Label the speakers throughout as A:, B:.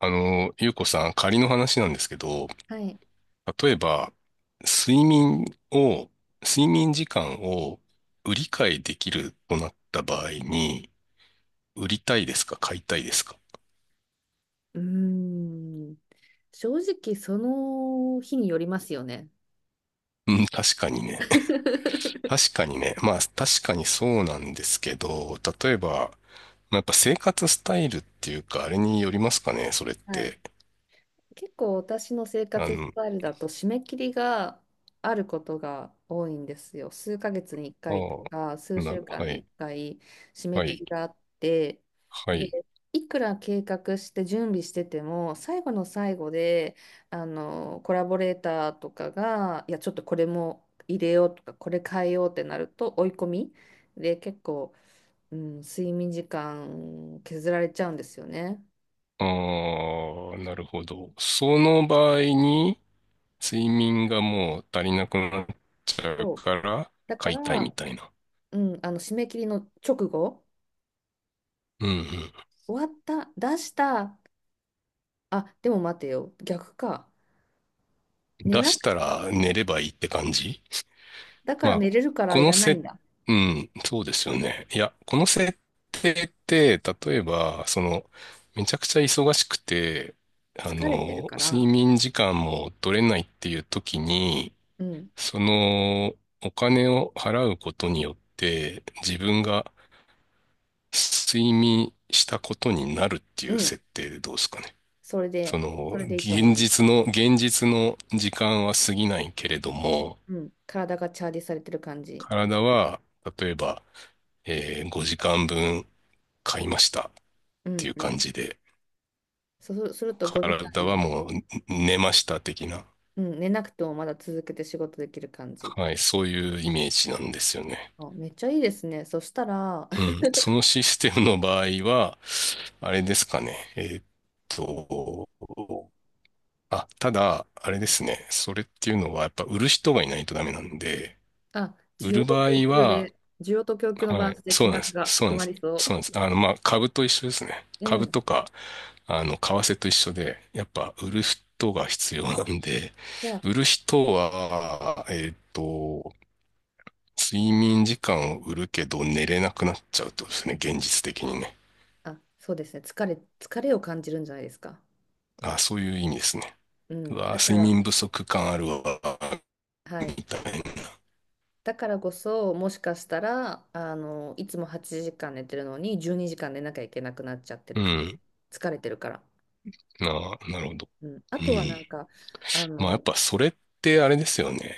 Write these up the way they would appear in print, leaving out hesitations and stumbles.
A: ゆうこさん、仮の話なんですけど、
B: はい。
A: 例えば、睡眠を、睡眠時間を売り買いできるとなった場合に、売りたいですか買いたいですか？
B: うーん。正直、その日によりますよね。
A: うん、確かにね。確 かにね。まあ、確かにそうなんですけど、例えば、まあやっぱ生活スタイルっていうか、あれによりますかね、それっ
B: はい。
A: て。
B: 結構私の生
A: あ
B: 活ス
A: の、
B: タイルだと締め切りがあることが多いんですよ。数ヶ月に1
A: あ
B: 回とか数週間
A: は
B: に1
A: い、
B: 回締め
A: は
B: 切
A: い、
B: りがあって、
A: は
B: で、
A: い。
B: いくら計画して準備してても最後の最後であのコラボレーターとかがいやちょっとこれも入れようとかこれ変えようってなると追い込みで結構、うん、睡眠時間削られちゃうんですよね。
A: ああ、なるほど。その場合に、睡眠がもう足りなくなっちゃう
B: そう、
A: から
B: だか
A: 買いたいみ
B: ら
A: たいな。
B: うん、あの締め切りの直後、
A: うんうん。
B: 終わった、出した、あ、でも待てよ、逆か。寝
A: 出
B: な、
A: したら寝ればいいって感じ。
B: だから
A: まあ、
B: 寝れるから
A: こ
B: い
A: の
B: らない
A: せ、
B: んだ。
A: うん、そうですよね。いや、この設定って例えば、めちゃくちゃ忙しくて、
B: 疲れてるから、
A: 睡眠時間も取れないっていう時に、
B: うん、
A: その、お金を払うことによって、自分が睡眠したことになるってい
B: う
A: う
B: ん、
A: 設定でどうですかね。
B: それ
A: そ
B: で、
A: の、
B: それでいいと思います。
A: 現実の時間は過ぎないけれども、
B: うん、体がチャージされてる感じ。
A: 体は、例えば、5時間分買いましたっ
B: う
A: てい
B: ん、
A: う
B: う
A: 感
B: ん。
A: じで、
B: そうすると5時
A: 体は
B: 間、
A: もう寝ました的な、
B: うん、寝なくてもまだ続けて仕事できる感じ。
A: はい、そういうイメージなんですよね。
B: あ、めっちゃいいですね。そしたら、
A: う ん。そのシステムの場合は、あれですかね。と、あ、ただ、あれですね。それっていうのは、やっぱ売る人がいないとダメなんで、
B: あ、需
A: 売
B: 要
A: る
B: と
A: 場合
B: 供給
A: は、
B: で、需要と供給のバラ
A: は
B: ン
A: い、
B: スで
A: そう
B: 金
A: なんで
B: 額
A: す。
B: が
A: そう
B: 決
A: なんで
B: ま
A: す。
B: りそ
A: そうなんです。まあ、株と一緒ですね。
B: う。う
A: 株
B: ん。
A: とか、為替と一緒で、やっぱ売る人が必要なんで、
B: じゃあ、
A: 売る人は、睡眠時間を売るけど寝れなくなっちゃうってことですね。現実的にね。
B: あ、そうですね。疲れを感じるんじゃないですか。
A: あ、そういう意味ですね。
B: う
A: う
B: ん。
A: わ、
B: だか
A: 睡
B: ら、
A: 眠不足感あるわ、
B: は
A: み
B: い。
A: たいな。
B: だからこそ、もしかしたら、あの、いつも8時間寝てるのに、12時間寝なきゃいけなくなっちゃってる
A: う
B: かも。
A: ん。
B: 疲れてるから。
A: あ、なるほど。
B: うん。あ
A: う
B: とはなん
A: ん、
B: か、あ
A: まあやっ
B: の、
A: ぱそれってあれですよね。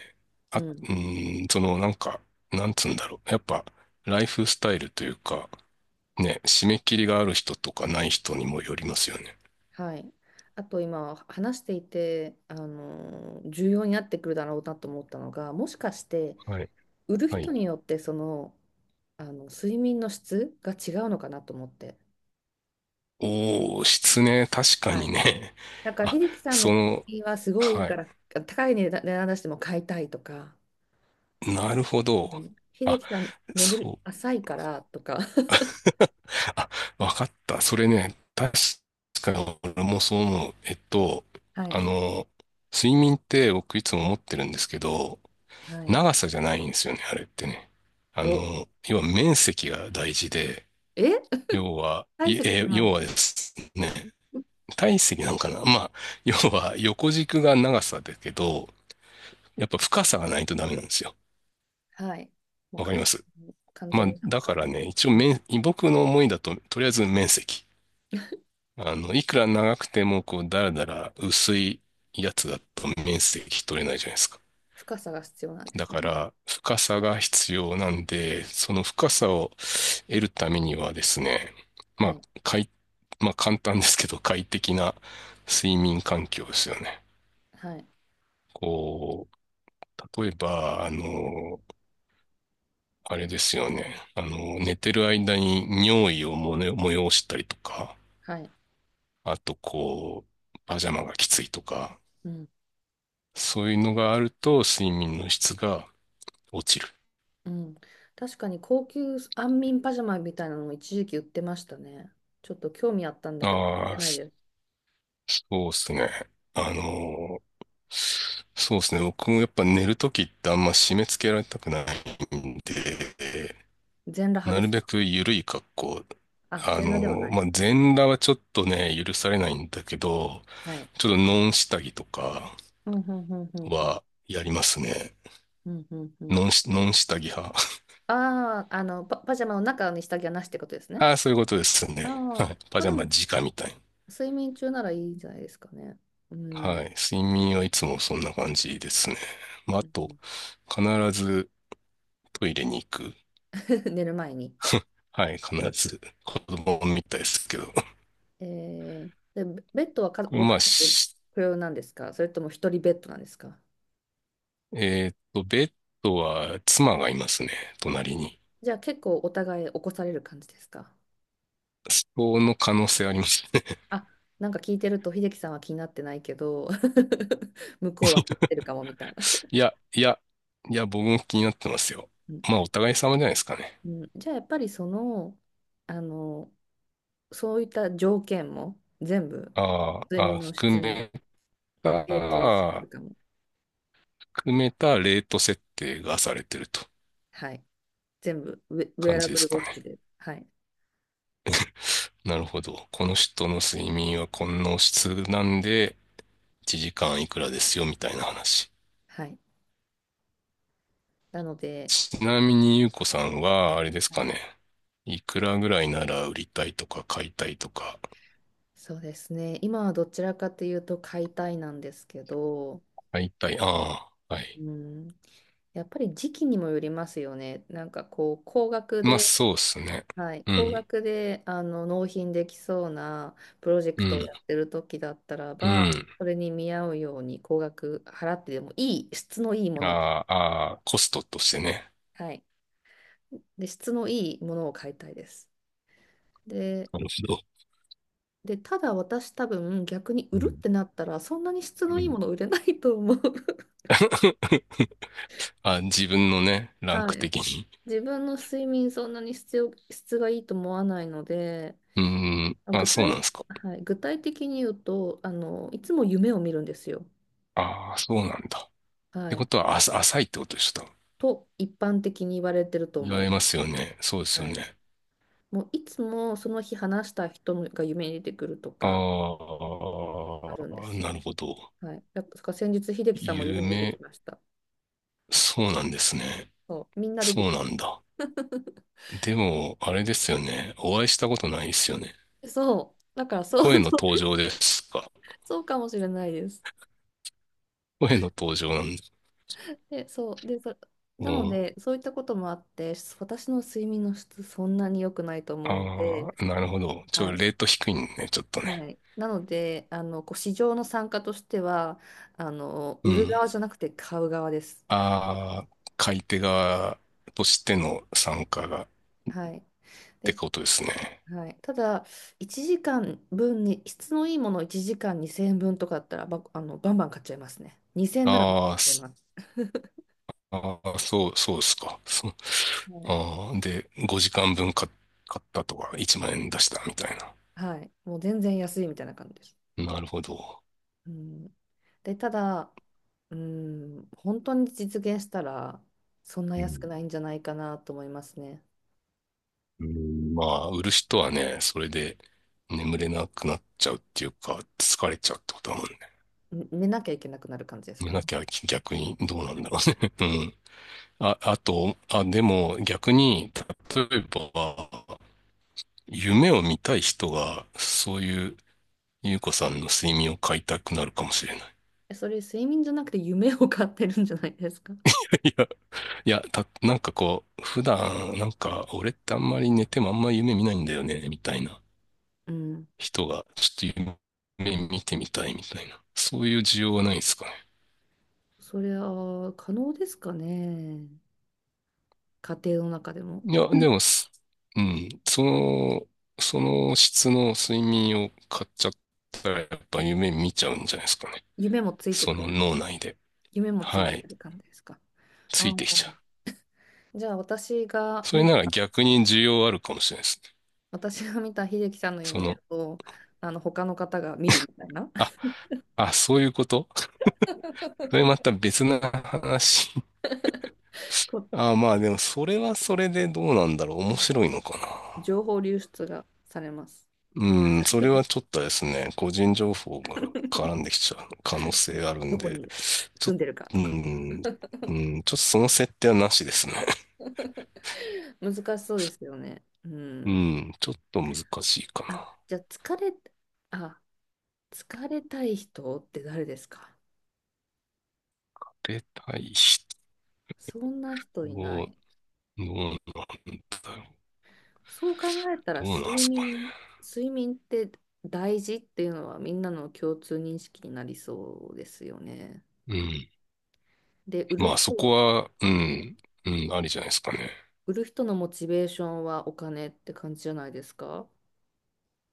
A: あ、
B: う
A: う
B: ん。
A: ーん、そのなんか、なんつうんだろう。やっぱライフスタイルというか、ね、締め切りがある人とかない人にもよりますよね。
B: はい。あと今、話していて、あの、重要になってくるだろうなと思ったのが、もしかして、
A: はい。
B: 売る
A: は
B: 人
A: い。
B: によって、その、あの、睡眠の質が違うのかなと思って。
A: おー、失ね、確か
B: は
A: に
B: い。
A: ね。
B: なん か、
A: あ、
B: 秀樹さんの
A: そ
B: 作
A: の、
B: 品はすごいいい
A: は
B: か
A: い。
B: ら、高い値段出しても買いたいとか、
A: なるほど。
B: あの秀
A: あ、
B: 樹さん、眠
A: そ
B: り
A: う。
B: 浅いからとか、
A: あ、わかった。それね、確かに俺もそう思う。
B: は
A: あ
B: い。
A: の、睡眠って僕いつも思ってるんですけど、
B: はい。
A: 長さじゃないんですよね、あれってね。
B: お、
A: 要は面積が大事で、
B: え、体積じゃな
A: 要
B: い。
A: はですね、体積なんかな。まあ、要は横軸が長さだけど、やっぱ深さがないとダメなんですよ。
B: はい。もう
A: わか
B: 完
A: ります。
B: 全に完
A: ま
B: 全
A: あ、
B: になん
A: だ
B: か、
A: からね、一応
B: うん、
A: 面、僕の思いだと、とりあえず面積。いくら長くても、こう、だらだら薄いやつだと面積取れないじゃないですか。
B: 深さが必要なんで
A: だ
B: すね。
A: から、深さが必要なんで、その深さを得るためにはですね、ま
B: は
A: あ、
B: い。
A: 快、まあ、簡単ですけど、快適な睡眠環境ですよね。
B: はい。
A: こう、例えば、あれですよね。寝てる間に尿意をもね催したりとか、
B: はい。
A: あと、こう、パジャマがきついとか、
B: うん。
A: そういうのがあると、睡眠の質が落ちる。
B: うん。確かに高級安眠パジャマみたいなのも一時期売ってましたね。ちょっと興味あったんだけど、買って
A: ああ、
B: ないです。
A: そうですね。あのそうですね。僕もやっぱ寝るときってあんま締め付けられたくないんで、
B: 全裸派
A: な
B: で
A: る
B: す
A: べ
B: か？
A: く緩い格好。
B: あ、
A: あ
B: 全
A: の
B: 裸ではない。
A: まあ、全裸はちょっとね、許されないんだけど、
B: はい。
A: ちょっとノン下着とか
B: うんうんうんうんうん。
A: はやりますね。
B: うんうんうん。
A: ノン下着派。
B: ああ、あの、パジャマの中に下着はなしってことです ね。
A: ああ、そういうことです
B: ああ、
A: ね。はい。パ
B: まあ
A: ジャ
B: で
A: マ
B: も、
A: 直みたい
B: 睡眠中ならいいんじゃないですかね。う
A: な。は
B: ん。
A: い。睡眠はいつもそんな感じですね。まあ、あ
B: う
A: と、
B: ん。
A: 必ずトイレに行く。
B: 寝る前に。
A: はい、必ず子供みたいですけど。
B: で、ベベッドはか ご
A: ま
B: 家
A: あ、
B: 族
A: し
B: 不要なんですか？それとも一人ベッドなんですか？
A: えっと、ベッドは妻がいますね、隣に。
B: じゃあ結構お互い起こされる感じですか？
A: そこの可能性ありますね。
B: あ、なんか聞いてると秀樹さんは気になってないけど 向こうは気になってるかもみたいな。
A: いや、いや、いや、僕も気になってますよ。
B: うん、
A: まあ、お互い様じゃないですかね。
B: うん。じゃあやっぱりその、あのそういった条件も全部
A: あー
B: 睡
A: あー、あ
B: 眠の
A: 含
B: 質に
A: め
B: 影響する
A: た、
B: かも。
A: 含めたレート設定がされてると
B: はい。全部ウェア
A: 感
B: ラ
A: じで
B: ブル
A: す
B: ウ
A: か
B: ォッチ
A: ね。
B: で。はい。
A: なるほど。この人の睡眠はこの質なんで、1時間いくらですよ、みたいな話。
B: はい。なので、
A: ちなみにゆうこさんは、あれです
B: は
A: か
B: い、
A: ね。いくらぐらいなら売りたいとか買いたいとか。
B: そうですね。今はどちらかというと買いたいなんですけど、
A: 買いたい。ああ、はい。
B: うん、やっぱり時期にもよりますよね。なんかこう、高額
A: まあ
B: で、
A: そうですね。
B: はい、
A: う
B: 高
A: ん、
B: 額であの納品できそうなプロジェ
A: う
B: クトを
A: ん、
B: やってる時だったら
A: う
B: ば、
A: ん。
B: それに見合うように高額払ってでもいい、質のいいも
A: あ
B: の、
A: ああ、コストとしてね。
B: はい。で、質のいいものを買いたいです。で、
A: なるほど。
B: ただ私多分逆に売
A: う
B: るっ
A: ん、
B: てなったらそんなに質の
A: う
B: いい
A: ん。
B: もの売れないと思う。
A: あ、自分のね、ラン
B: は
A: ク
B: い。
A: 的に。
B: 自分の睡眠そんなに質がいいと思わないので、
A: うん、
B: あ
A: あ、
B: 具
A: そうなん
B: 体、
A: ですか。
B: はい、具体的に言うと、あの、いつも夢を見るんですよ。
A: ああ、そうなんだ。って
B: は
A: こ
B: い。
A: とは、あ、浅いってことでした。
B: と一般的に言われてると
A: 言
B: 思
A: わ
B: い
A: れま
B: ます。
A: すよね。そうですよ
B: はい。
A: ね。
B: もういつもその日話した人が夢に出てくると
A: あ
B: かあるんで
A: あ、
B: すよ。
A: なるほど。
B: はい。だから先日、秀樹さんも夢に出て
A: 夢、
B: きました。
A: そうなんですね。
B: そう、みんな出て
A: そう
B: く
A: な
B: る。
A: んだ。でも、あれですよね。お会いしたことないですよね。
B: そう、だからそ
A: 声
B: う、
A: の
B: そ
A: 登
B: う
A: 場ですか？
B: そうかもしれないです。
A: 声の登場なんだ。
B: で、そう、
A: う
B: なの
A: ん。
B: で、そういったこともあって、私の睡眠の質、そんなに良くないと
A: あ
B: 思うんで、
A: あ、なるほど。ち
B: は
A: ょ、
B: い、
A: レート低いね、ちょっとね。
B: はい。なので、あの、こう市場の参加としては、あの、
A: う
B: 売る
A: ん。
B: 側じゃなくて買う側です。
A: ああ、買い手側としての参加がっ
B: はい。
A: て
B: で、
A: ことですね。
B: はい、ただ、1時間分に、質のいいものを1時間2000円分とかだったら、あの、バンバン買っちゃいますね。2000円なら買っ
A: あー
B: ちゃい
A: す
B: ます。
A: あー、そう、そうですか。そう。
B: はい。
A: ああ、で、5時間分買ったとか、1万円出したみたいな。
B: はい。もう全然安いみたいな感じです。
A: なるほど。
B: うん。で、ただ、うん、本当に実現したら、そんな
A: う
B: 安く
A: ん。
B: ないんじゃないかなと思いますね。
A: うん、まあ、売る人はね、それで眠れなくなっちゃうっていうか、疲れちゃうってことだもんね。
B: ね寝なきゃいけなくなる感じです
A: 寝
B: かね。
A: なきゃ逆にどうなん
B: は
A: だ
B: い。
A: ろうね。うん。あ、あと、あ、でも逆に、例えば、夢を見たい人が、そういう、ゆうこさんの睡眠を買いたくなるかもしれない。
B: えそれ、睡眠じゃなくて夢を買ってるんじゃないですか。
A: いや、なんかこう、普段、なんか、俺ってあんまり寝てもあんまり夢見ないんだよね、みたいな
B: うん。
A: 人が、ちょっと夢見てみたいみたいな。そういう需要はないですかね？
B: それは可能ですかね。家庭の中でも。
A: いや、
B: う
A: で
B: ん。
A: もす、うん、その、その質の睡眠を買っちゃったら、やっぱ夢見ちゃうんじゃないですかね。
B: 夢もついて
A: そ
B: く
A: の
B: る。
A: 脳内で。
B: 夢もつい
A: は
B: てく
A: い。
B: る感じですか？あ
A: ついてきちゃ
B: あ。
A: う。
B: じゃあ、
A: それなら逆に需要あるかもしれないですね。
B: 私が見た秀樹さんの
A: そ
B: 夢
A: の、
B: をあの他の方が見るみたいな。
A: あ、あ、そういうこと。 それまた別な話。
B: こう
A: あ、まあでも、それはそれでどうなんだろう。
B: う
A: 面
B: ん。
A: 白いのかな。
B: 情報流出がされます。
A: うん、それはちょっとですね、個人情報が絡んできちゃう可能
B: う
A: 性
B: ん、
A: ある
B: ど
A: ん
B: こ
A: で、
B: に
A: ち
B: 住
A: ょっ
B: んでるか
A: と、
B: と
A: う
B: か。
A: ん、うん、ちょっとその設定はなしですね。
B: 難しそうですよね。う
A: う
B: ん。
A: ん、ちょっと難しいか
B: あ、
A: な。
B: じゃああ、疲れたい人って誰ですか？
A: 出たい人
B: そんな人いな
A: を
B: い。
A: どうなんだろう。
B: そう考えたら
A: どうなんですかね。
B: 睡眠、って大事っていうのはみんなの共通認識になりそうですよね。
A: うん。
B: で、売る
A: まあそ
B: 人
A: こ
B: は、
A: は、
B: はい。
A: うん、ありじゃないですかね。
B: 売る人のモチベーションはお金って感じじゃないですか。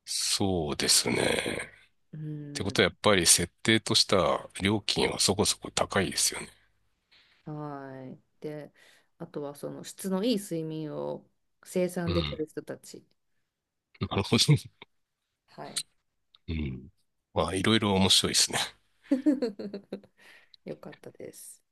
A: そうですね。
B: う
A: ってこ
B: ん、
A: とはやっぱり設定とした料金はそこそこ高いですよね。
B: はい。で、あとはその質のいい睡眠を生
A: う
B: 産でき
A: ん。
B: る人たち。
A: なるほど。
B: はい。
A: うん。まあいろいろ面白いですね。
B: よかったです。